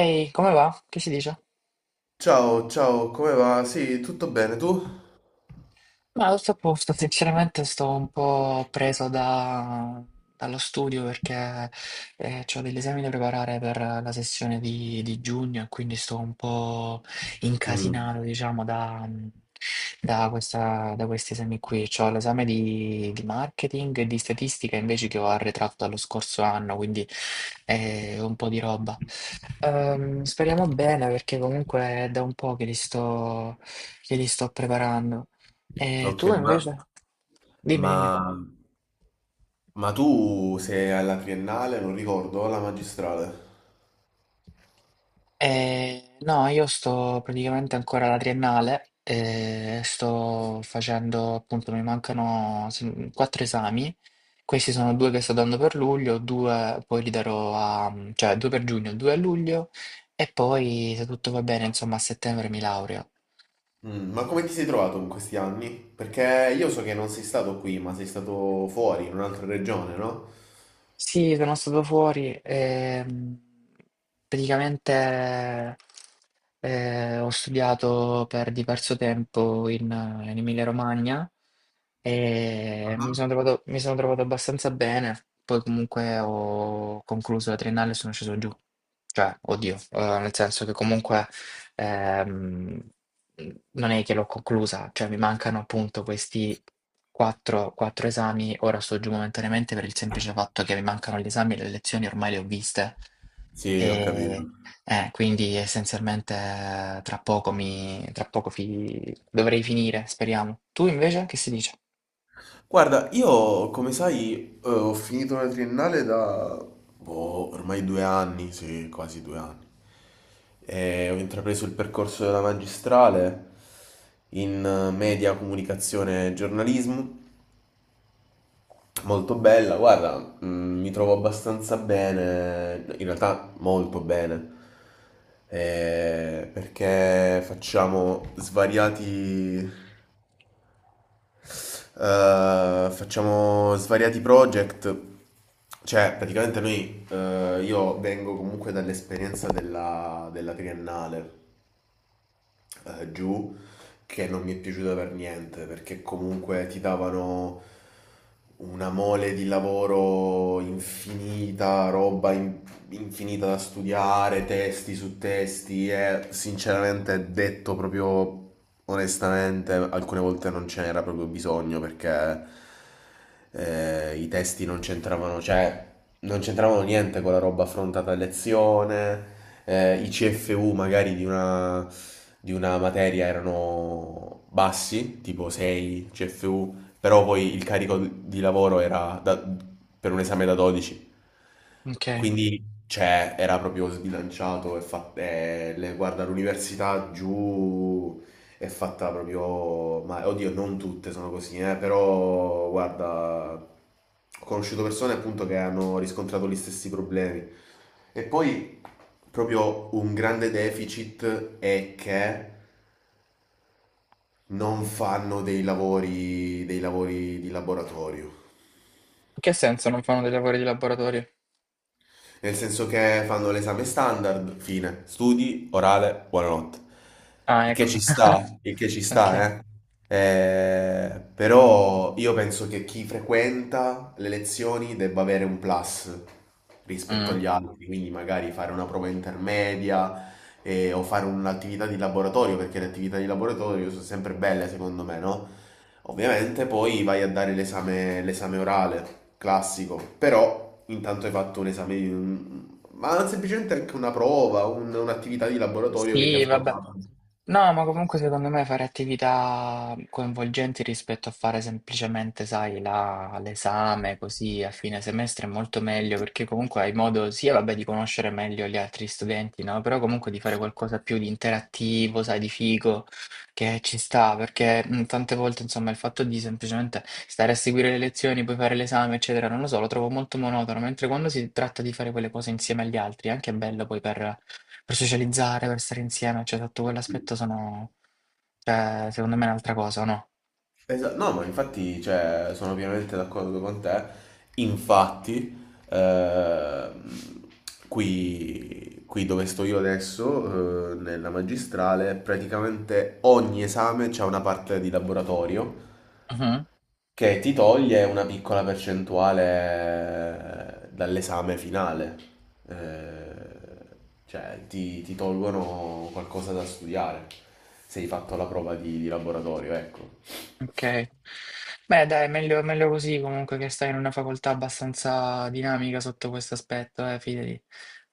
Ehi, come va? Che si dice? Ciao, ciao, come va? Sì, tutto bene, tu? Ma tutto a posto, sinceramente sto un po' preso dallo studio perché ho degli esami da preparare per la sessione di giugno e quindi sto un po' incasinato, diciamo, da questi esami qui. Ho l'esame di marketing e di statistica invece che ho arretrato dallo scorso anno, quindi è un po' di roba. Speriamo bene perché comunque è da un po' che li sto preparando. E Ok, tu invece? Dimmi, ma, dimmi. ma tu sei alla triennale, non ricordo, o alla magistrale? No, io sto praticamente ancora alla triennale, sto facendo, appunto, mi mancano quattro esami. Questi sono due che sto dando per luglio, due poi li darò cioè due per giugno, due a luglio e poi se tutto va bene, insomma, a settembre mi laureo. Mm, ma come ti sei trovato in questi anni? Perché io so che non sei stato qui, ma sei stato fuori, in un'altra regione, no? Sì, sono stato fuori e praticamente ho studiato per diverso tempo in Emilia-Romagna e mi Ah. sono trovato, mi sono trovato abbastanza bene. Poi comunque ho concluso la triennale e sono sceso giù. Cioè, oddio, nel senso che comunque ehm, non è che l'ho conclusa, cioè mi mancano appunto questi quattro esami. Ora sto giù momentaneamente per il semplice fatto che mi mancano gli esami e le lezioni ormai le ho viste. Sì, ho capito. E quindi essenzialmente tra poco mi, tra poco fi- dovrei finire, speriamo. Tu invece che si dice? Guarda, io come sai, ho finito la triennale da boh, ormai due anni, sì, quasi due anni. E ho intrapreso il percorso della magistrale in media, comunicazione e giornalismo. Molto bella, guarda, mm, mi trovo abbastanza bene, in realtà molto bene, perché facciamo svariati project, cioè praticamente noi, io vengo comunque dall'esperienza della triennale giù, che non mi è piaciuta per niente, perché comunque ti davano una mole di lavoro infinita, roba in- infinita da studiare, testi su testi, e sinceramente detto proprio onestamente alcune volte non ce n'era proprio bisogno perché i testi non c'entravano, cioè non c'entravano niente con la roba affrontata a lezione, i CFU magari di una materia erano bassi, tipo 6 CFU, però poi il carico di lavoro per un esame da 12. Ok. Quindi cioè, era proprio sbilanciato guarda, l'università giù è fatta proprio... Ma oddio, non tutte sono così, però guarda, ho conosciuto persone appunto che hanno riscontrato gli stessi problemi. E poi proprio un grande deficit è che non fanno dei lavori di laboratorio. In che senso non fanno dei lavori di laboratorio? Nel senso che fanno l'esame standard, fine, studi, orale, buonanotte. Ah, Il che ecco. ci sta, il che ci Ok. sta, eh. Però io penso che chi frequenta le lezioni debba avere un plus rispetto Mm. agli altri, quindi magari fare una prova intermedia o fare un'attività di laboratorio, perché le attività di laboratorio sono sempre belle secondo me, no? Ovviamente poi vai a dare l'esame orale, classico, però intanto hai fatto un esame, di un- ma semplicemente anche un'attività di laboratorio che ti ha Sì, vabbè. formato. No, ma comunque secondo me fare attività coinvolgenti rispetto a fare semplicemente, sai, l'esame così a fine semestre è molto meglio perché comunque hai modo sia, vabbè, di conoscere meglio gli altri studenti, no? Però comunque di fare qualcosa più di interattivo, sai, di figo, che ci sta, perché tante volte, insomma, il fatto di semplicemente stare a seguire le lezioni, poi fare l'esame, eccetera, non lo so, lo trovo molto monotono, mentre quando si tratta di fare quelle cose insieme agli altri è anche bello poi per socializzare, per stare insieme, cioè sotto quell'aspetto cioè, secondo me è un'altra cosa, o no? No, ma infatti, cioè, sono pienamente d'accordo con te. Infatti, ehm, qui dove sto io adesso, nella magistrale, praticamente ogni esame c'è una parte di laboratorio Mhm, che ti toglie una piccola percentuale dall'esame finale. Eh, cioè ti tolgono qualcosa da studiare se hai fatto la prova di laboratorio, ecco. ok. Beh, dai, meglio, meglio così comunque che stai in una facoltà abbastanza dinamica sotto questo aspetto, fidati.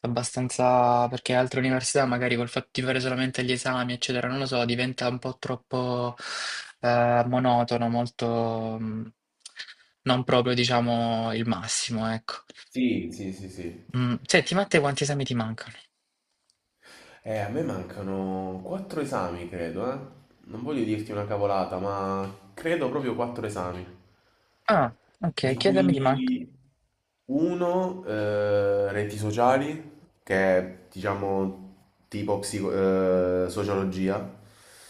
Abbastanza, perché altre università magari col fatto di fare solamente gli esami, eccetera, non lo so, diventa un po' troppo monotono, molto non proprio, diciamo, il massimo, ecco. Sì, sì, sì, sì. Senti, ma a te quanti esami ti mancano? A me mancano quattro esami, credo, eh. Non voglio dirti una cavolata, ma credo proprio quattro esami. Ah, Di okay, chiedami di man cui uno, reti sociali, che è diciamo tipo sociologia,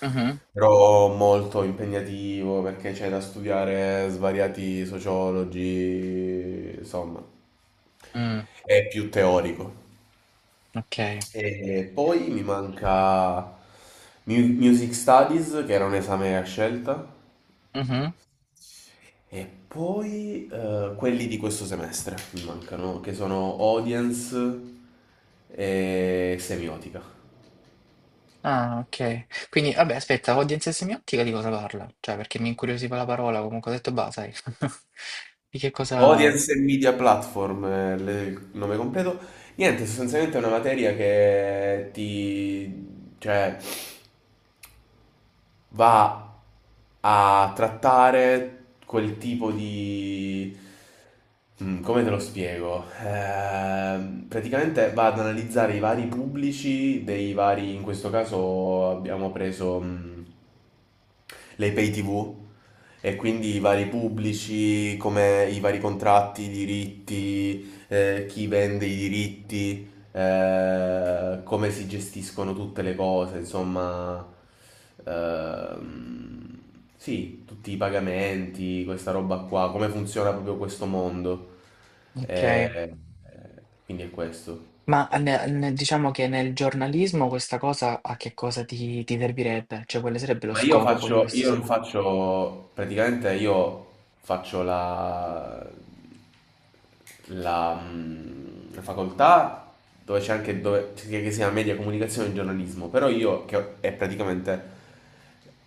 mh-mh, però molto impegnativo perché c'è da studiare svariati sociologi, insomma, mh, è più teorico. okay, E poi mi manca Music Studies, che era un esame a scelta. mh-mh. E poi quelli di questo semestre mi mancano, che sono audience e semiotica. Ah, okay. Quindi vabbè aspetta, audience semiottica di cosa parla? Cioè perché mi incuriosiva la parola, comunque ho detto: "Bah, sai" di che cosa Audience e media platform, il nome completo. Niente, sostanzialmente è una materia che ti... cioè, va a trattare quel tipo di... Mm, come te lo spiego? Praticamente va ad analizzare i vari pubblici dei vari... In questo caso abbiamo preso mm, le pay TV, e quindi i vari pubblici, come i vari contratti, i diritti, chi vende i diritti come si gestiscono tutte le cose, insomma, ehm, sì, tutti i pagamenti, questa roba qua, come funziona proprio questo mondo. Eh, okay. Quindi è questo. Ma ne diciamo che nel giornalismo questa cosa a che cosa ti servirebbe? Cioè quale sarebbe lo Ma io scopo poi di faccio, questa io non sema. faccio, praticamente io faccio mm, la facoltà dove c'è anche dove, che si chiama media comunicazione e giornalismo, però è praticamente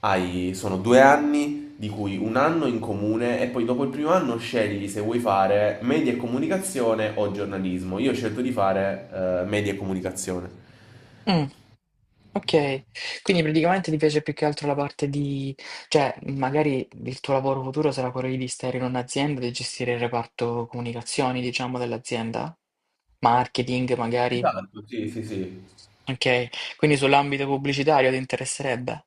hai, sono due anni di cui un anno in comune e poi dopo il primo anno scegli se vuoi fare media e comunicazione o giornalismo. Io ho scelto di fare media e comunicazione. Okay, quindi praticamente ti piace più che altro la parte di cioè, magari il tuo lavoro futuro sarà quello di stare in un'azienda e gestire il reparto comunicazioni, diciamo, dell'azienda? Marketing magari? Esatto, sì, sì, sì. Okay, quindi sull'ambito pubblicitario ti interesserebbe?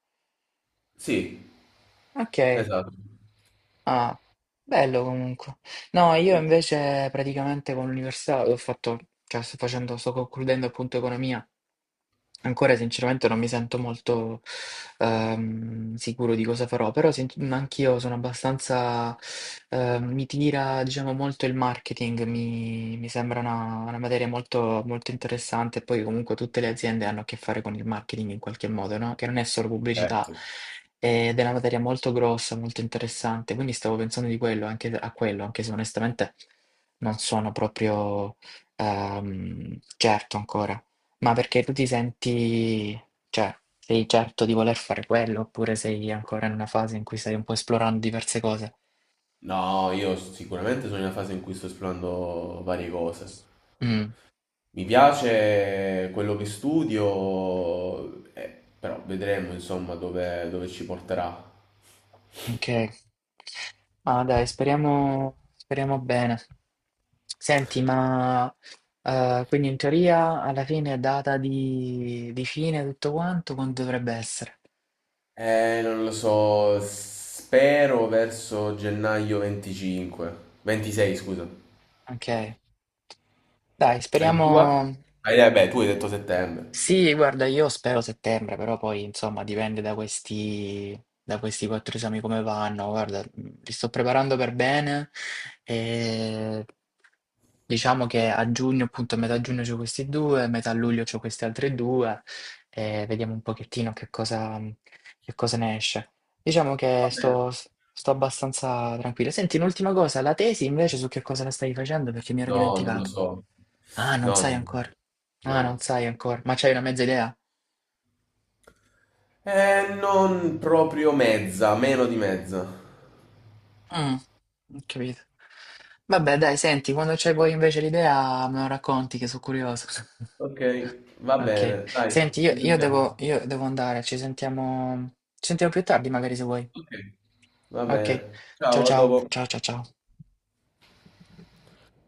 Sì, Okay, esatto. ah, bello comunque. No, io E- invece praticamente con l'università ho fatto cioè sto concludendo appunto economia. Ancora sinceramente non mi sento molto sicuro di cosa farò, però anch'io sono abbastanza, mi tira diciamo molto il marketing, mi sembra una materia molto, molto interessante, poi comunque tutte le aziende hanno a che fare con il marketing in qualche modo, no? Che non è solo pubblicità, Certo. ed è una materia molto grossa, molto interessante, quindi stavo pensando di quello, anche a quello, anche se onestamente non sono proprio certo ancora. Ma perché tu ti senti, cioè, sei certo di voler fare quello, oppure sei ancora in una fase in cui stai un po' esplorando diverse cose? No, io sicuramente sono in una fase in cui sto esplorando varie cose. Mm, Mi piace quello che studio, però vedremo insomma dove ci porterà. ok. Ma dai, speriamo, speriamo bene. Senti, ma quindi in teoria alla fine è data di fine tutto quanto, quando dovrebbe essere? Non lo so, spero verso gennaio 25, 26 scusa. Ok. Dai, E la tua? speriamo. Ah, beh, tu hai detto settembre. Sì, guarda, io spero settembre, però poi insomma dipende da questi quattro esami come vanno. Guarda, li sto preparando per bene e diciamo che a giugno, appunto a metà giugno c'ho questi due, a metà luglio c'ho questi altri due e vediamo un pochettino che cosa ne esce. Diciamo che Va bene. sto abbastanza tranquillo. Senti, un'ultima cosa, la tesi invece su che cosa la stai facendo? Perché mi ero No, non lo dimenticato. so. Ah, non No, sai non lo ancora. so. Ah, non No. sai ancora, ma c'hai una mezza idea? Non proprio mezza, meno di mezza. Mm, ho capito. Vabbè, dai, senti, quando c'hai poi invece l'idea me lo racconti che sono curioso. Ok, va Ok. bene, dai, Senti, io, ci io sentiamo. devo, io devo, andare, ci sentiamo più tardi magari se vuoi. Ok, va Ok. bene. Ciao Ciao, a ciao, dopo. ciao ciao ciao.